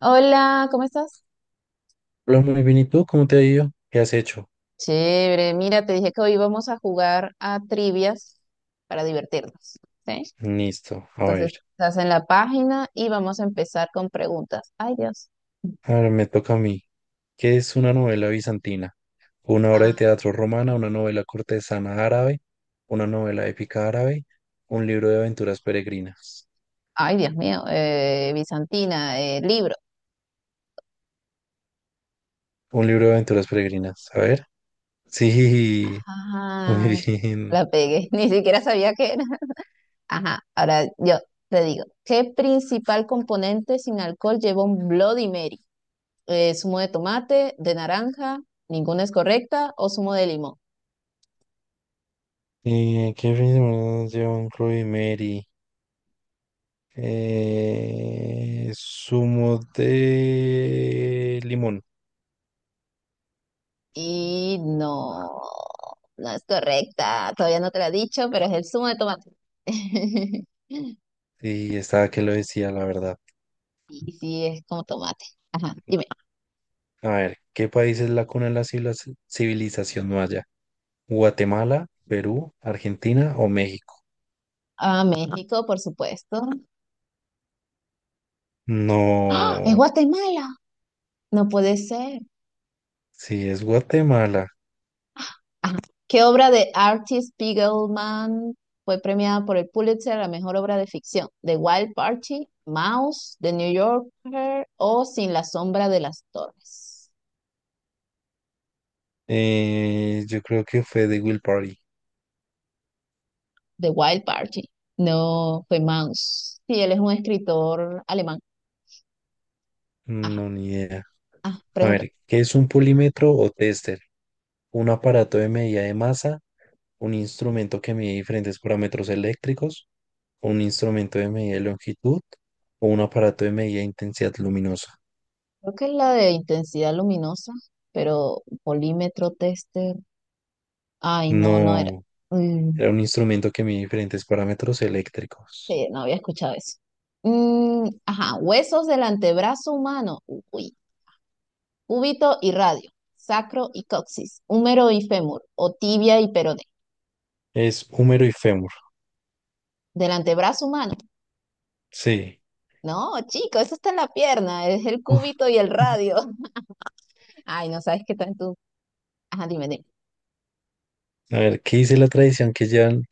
Hola, ¿cómo estás? Hola, muy bien. ¿Y tú? ¿Cómo te ha ido? ¿Qué has hecho? Chévere, mira, te dije que hoy vamos a jugar a trivias para divertirnos, ¿sí? Listo. A Entonces, ver. estás en la página y vamos a empezar con preguntas. Ay, Dios. Ahora me toca a mí. ¿Qué es una novela bizantina? Una obra de Ah, teatro romana, una novela cortesana árabe, una novela épica árabe, un libro de aventuras peregrinas. ay, Dios mío, Bizantina, libro. Un libro de aventuras peregrinas. A ver. Sí. Muy Ajá, bien. la pegué, ni siquiera sabía qué era. Ajá, ahora yo te digo, ¿qué principal componente sin alcohol lleva un Bloody Mary? ¿Zumo de tomate, de naranja, ninguna es correcta, o zumo de limón? ¿Qué filmes lleva un Chloe Mary? Zumo de limón. Y no, no es correcta. Todavía no te la he dicho, pero es el zumo de tomate. Sí, estaba que lo decía, la verdad. Y sí, es como tomate. Ajá, dime. A ver, ¿qué país es la cuna de la civilización maya? ¿Guatemala, Perú, Argentina o México? Ah, México, por supuesto. ¡Ah! ¡Es No, Guatemala! No puede ser. sí, es Guatemala. Ajá. ¿Qué obra de Artie Spiegelman fue premiada por el Pulitzer a la mejor obra de ficción? ¿The Wild Party, Mouse, The New Yorker o Sin la sombra de las torres? Yo creo que fue de Will Party. The Wild Party. No fue Mouse. Sí, él es un escritor alemán. Ajá. No, ni idea. Ah, A pregunta. ver, ¿qué es un polímetro o tester? ¿Un aparato de medida de masa? ¿Un instrumento que mide diferentes parámetros eléctricos? ¿Un instrumento de medida de longitud? ¿O un aparato de medida de intensidad luminosa? Creo que es la de intensidad luminosa, pero polímetro tester. Ay, no, no era. No. Mm, Era un instrumento que mide diferentes parámetros eléctricos. sí, no había escuchado eso. Mm, ajá, huesos del antebrazo humano. Uy, cúbito y radio, sacro y coxis, húmero y fémur, o tibia y peroné. Es húmero y fémur. Del antebrazo humano. Sí. No, chico, eso está en la pierna, es el cúbito y el Uf. radio. Ay, no sabes qué tanto. Ajá, dime, dime. A ver, ¿qué dice la tradición que llevan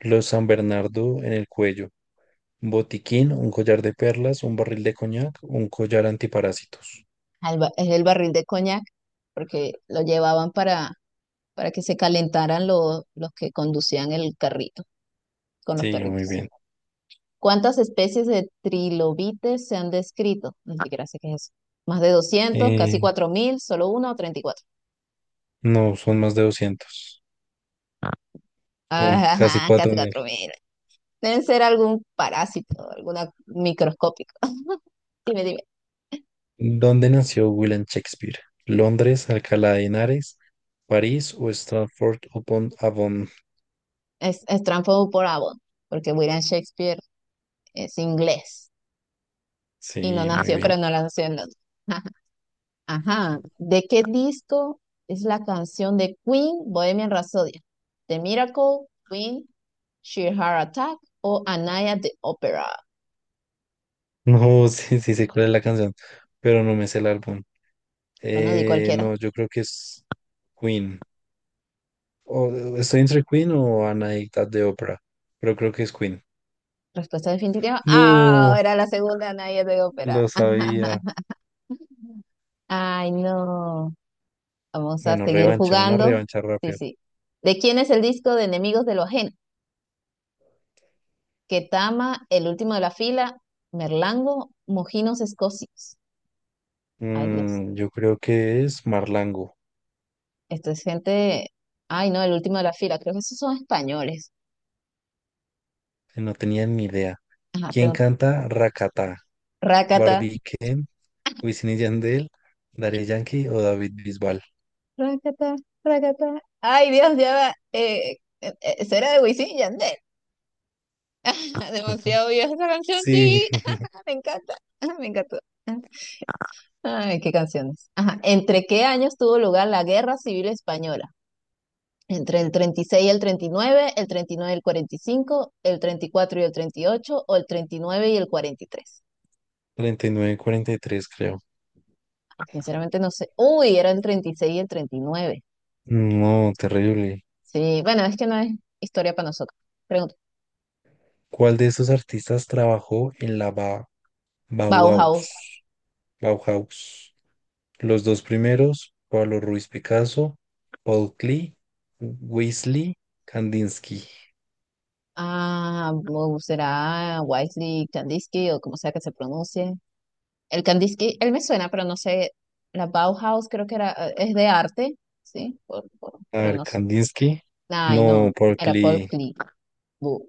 los San Bernardo en el cuello? Un botiquín, un collar de perlas, un barril de coñac, un collar antiparásitos. Ah, es el barril de coñac, porque lo llevaban para que se calentaran los que conducían el carrito con los Sí, muy perritos. bien. ¿Cuántas especies de trilobites se han descrito? Ni siquiera sé qué es eso. Más de 200, casi Eh, 4.000 solo una o 34, no, son más de 200. Bueno, casi ajá, cuatro casi mil. 4000. Deben ser algún parásito, alguna microscópico. Dime, dime. ¿Dónde nació William Shakespeare? ¿Londres, Alcalá de Henares, París o Stratford upon Avon? Es Stratford por Avon, porque William Shakespeare es inglés y no Sí, muy nació, pero bien. no nació en Londres. Ajá. ¿De qué disco es la canción de Queen, Bohemian Rhapsody? The Miracle, Queen, Sheer Heart Attack o Anaya de Opera. No, sí, sí sé cuál es la canción, pero no me sé el álbum. Bueno, di cualquiera. No, yo creo que es Queen. O, estoy entre Queen o Anadicta de Opera, pero creo que es Queen. Respuesta definitiva. Ah, No, era la segunda Anaya de Opera. lo sabía. Ay, no. Vamos a Bueno, seguir revancha, una jugando. revancha Sí, rápida. sí. ¿De quién es el disco de Enemigos de lo Ajeno? Ketama, El Último de la Fila, Merlango, Mojinos Escocios. Ay, Dios. Yo creo que es Marlango. Esto es gente. Ay, no, el último de la fila. Creo que esos son españoles. No tenía ni idea. Ajá, ¿Quién pregunta. canta Rakata? Rácata, ¿Barbie Ken, Wisin y Yandel, Daddy Yankee o David Bisbal? rácata, rácata. Ay, Dios, ya va. Será de Wisin y Yandel. Ujú. Demasiado vieja esa canción, Sí. sí. Me encanta, me encantó. Ay, qué canciones. Ajá. ¿Entre qué años tuvo lugar la Guerra Civil Española? ¿Entre el 36 y el 39, el 39 y el 45, el 34 y el 38 o el 39 y el 43? 39, 43 creo. Sinceramente no sé. Uy, era el 36 y el 39. No, terrible. Sí, bueno, es que no es historia para nosotros. Pregunta. ¿Cuál de estos artistas trabajó en la Bauhaus? Bauhaus. Bauhaus. Los dos primeros, Pablo Ruiz Picasso, Paul Klee, Weasley, Kandinsky. Ah, será Wisely Kandinsky o como sea que se pronuncie. El Kandinsky, él me suena, pero no sé. La Bauhaus creo que era, es de arte, sí, A pero ver, no sé. Kandinsky. Ay, No, no, Paul era Paul Klee. Klee. Bu,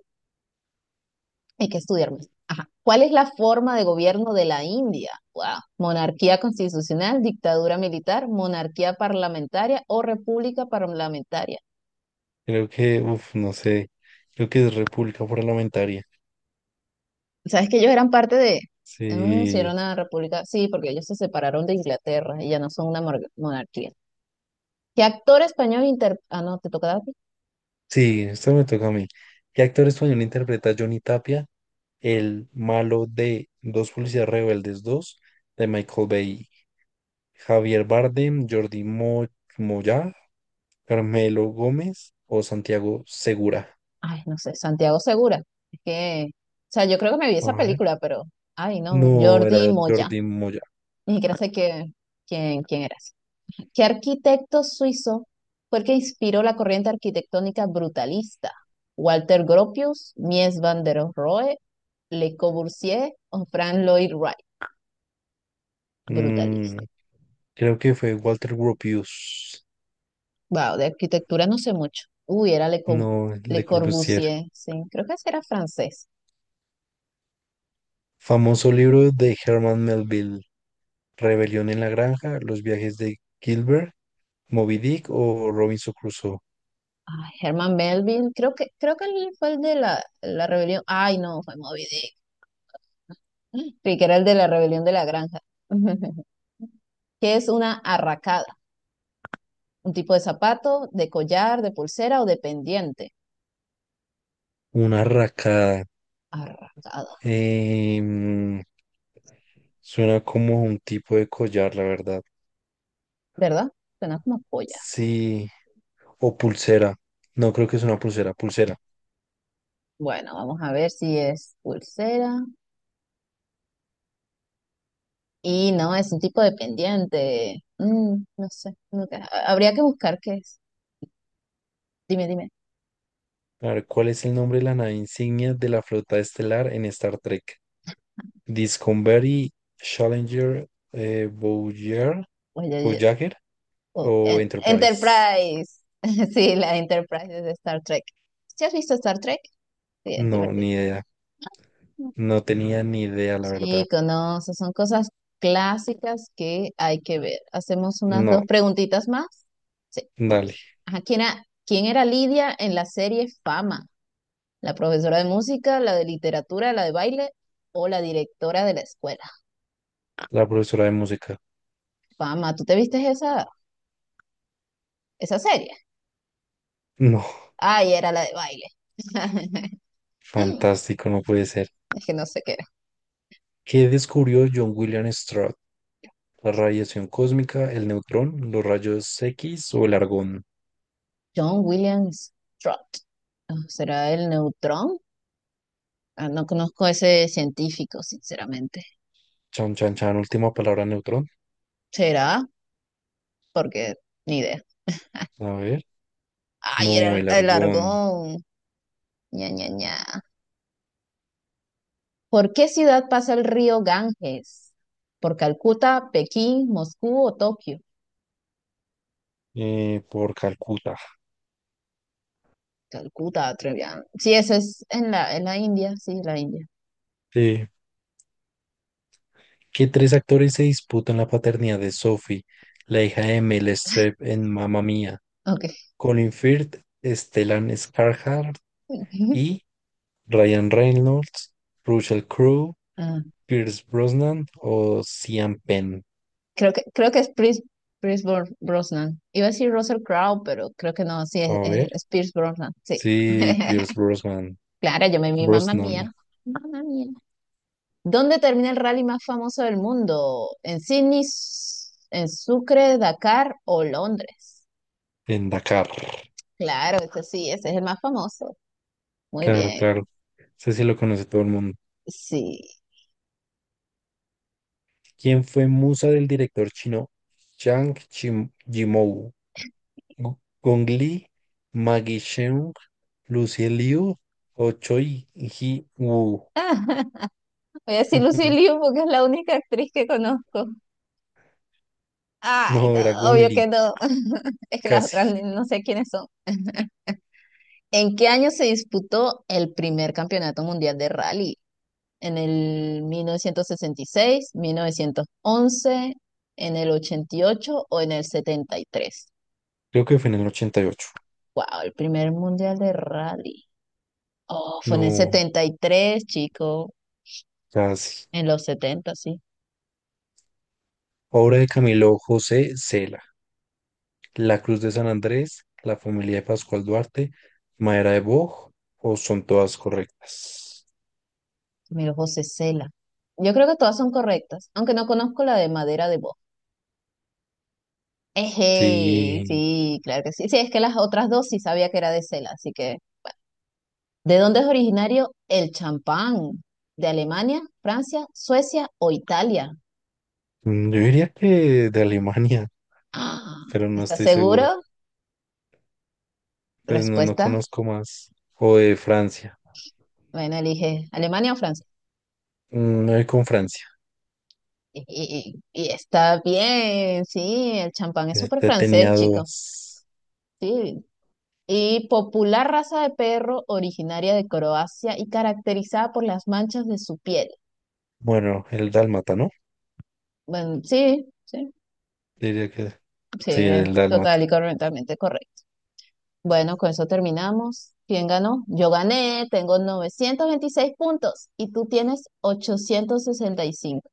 hay que estudiar más. Ajá. ¿Cuál es la forma de gobierno de la India? Wow. ¿Monarquía constitucional, dictadura militar, monarquía parlamentaria o república parlamentaria? Creo que, no sé. Creo que es República Parlamentaria. Sabes que ellos eran parte de, mm, sí, era Sí, una república, sí, porque ellos se separaron de Inglaterra y ya no son una monarquía. ¿Qué actor español inter...? Ah, no, te toca a ti. sí, esto me toca a mí. ¿Qué actor español interpreta a Johnny Tapia, el malo de Dos Policías Rebeldes 2 de Michael Bay? Javier Bardem, Jordi Moyá, Carmelo Gómez o Santiago Segura. Ay, no sé, Santiago Segura. Es que, o sea, yo creo que me vi A esa ver. película, pero, ay, no, No, Jordi era Moya. Jordi Moyá. Ni siquiera sé quién eras. ¿Qué arquitecto suizo fue el que inspiró la corriente arquitectónica brutalista? ¿Walter Gropius, Mies van der Rohe, Le Corbusier o Frank Lloyd Wright? Brutalista. Mm, Creo que fue Walter Gropius. Wow, de arquitectura no sé mucho. Uy, era No, Le Le Corbusier. Corbusier, sí, creo que ese era francés. Famoso libro de Herman Melville. Rebelión en la granja, Los viajes de Gilbert, Moby Dick o Robinson Crusoe. Ay, Herman Melville, creo que él fue el de la rebelión. Ay, no, fue Moby Dick. Creí que era el de la rebelión de la granja. ¿Qué es una arracada? Un tipo de zapato, de collar, de pulsera o de pendiente. Una racada. Arracada, Em, Suena como un tipo de collar, la verdad. ¿verdad? Suena como polla. Sí, o pulsera. No creo que es una pulsera, pulsera. Bueno, vamos a ver si es pulsera. Y no, es un tipo dependiente. No sé, nunca. Habría que buscar qué es. Dime, dime. A ver, ¿cuál es el nombre de la nave insignia de la flota estelar en Star Trek? Discovery, Challenger, eh, Voyager, Oye, oye, Voyager oh, o Enterprise. Enterprise. Sí, la Enterprise es de Star Trek. ¿Sí has visto Star Trek? Sí, es No, divertido. ni idea. Mm. No tenía ni idea, la verdad. Chico, no, esas son cosas clásicas que hay que ver. Hacemos unas No, dos preguntitas más. Sí, dale. vamos. Ajá, ¿quién era Lidia en la serie Fama? ¿La profesora de música, la de literatura, la de baile o la directora de la escuela? La profesora de música. Pama, ¿tú te viste esa serie? No, Ay, era la de baile. fantástico, no puede ser. Es que no sé qué era. ¿Qué descubrió John William Stroud? ¿La radiación cósmica, el neutrón, los rayos X o el argón? John Williams Trott. Ah, ¿será el neutrón? Ah, no conozco a ese científico, sinceramente. Chan, chan, chan, última palabra, neutrón. ¿Será? Porque ni idea. A ver. Ay, era No, el, el el argón. argón. Ña, Ña, Ña. ¿Por qué ciudad pasa el río Ganges? ¿Por Calcuta, Pekín, Moscú o Tokio? Por Calcuta. Calcuta, Trevian. Sí, eso es en la India, sí, la India. Sí. ¿Qué tres actores se disputan la paternidad de Sophie, la hija de Mel Streep en Mamma Mía? Ok. Colin Firth, Stellan Skarsgård y Ryan Reynolds, Russell Crowe, Ah, Pierce Brosnan o Sean Penn. creo que es Pierce Brosnan. Iba a decir Russell Crowe, pero creo que no, sí, es, A es, ver. es Pierce Brosnan, sí. Sí, Pierce Brosnan. Claro, yo me vi, mamá mía, Brosnan mamá mía. ¿Dónde termina el rally más famoso del mundo? ¿En Sydney, en Sucre, Dakar o Londres? en Dakar. Claro, ese sí, ese es el más famoso. Muy Claro, bien, claro. Sé si lo conoce todo el mundo. sí. Quien fue musa del director chino Zhang Yimou, Gu- Gong Li, Maggie Cheung, Lucy Liu o Choi Ji Woo. Voy a decir Lucy Liu porque es la única actriz que conozco. Ay, No, no, era Gong obvio Li, que no. Es que las otras casi. No sé quiénes son. ¿En qué año se disputó el primer campeonato mundial de rally? ¿En el mil novecientos sesenta y seis, 1911, en el 88 o en el 73? Creo que fue en el 88. Wow, el primer mundial de rally. Oh, fue en el No, 73, chico. casi. En los setenta, sí. Obra de Camilo José Cela, La Cruz de San Andrés, La familia de Pascual Duarte, Madera de Boj, o son todas correctas. Mira, José Cela. Yo creo que todas son correctas, aunque no conozco la de madera de voz. Eje, Sí, sí, claro que sí. Sí, es que las otras dos sí sabía que era de Cela, así que ¿de dónde es originario el champán? ¿De Alemania, Francia, Suecia o Italia? Yo diría que de Alemania, Ah, pero no ¿estás estoy seguro. seguro? Pues no, no Respuesta. conozco más. O de Francia. Bueno, elige Alemania o Francia. Me voy con Francia. Y, y está bien, sí, el champán es súper francés, Tenía chico. dudas. Sí. Y popular raza de perro originaria de Croacia y caracterizada por las manchas de su piel. Bueno, el dálmata, ¿no? Bueno, sí, sí, Diría que sí, sí, el dálmata. total y correctamente correcto. Bueno, con eso terminamos. ¿Quién ganó? Yo gané, tengo 926 puntos y tú tienes 865.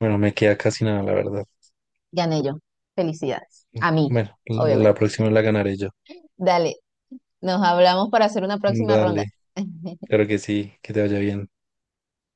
Bueno, me queda casi nada, la verdad. Gané yo. Felicidades. Mm, A mí, Bueno, la obviamente. próxima la ganaré yo. Dale, nos hablamos para hacer una próxima ronda. Dale, claro que sí, que te vaya bien.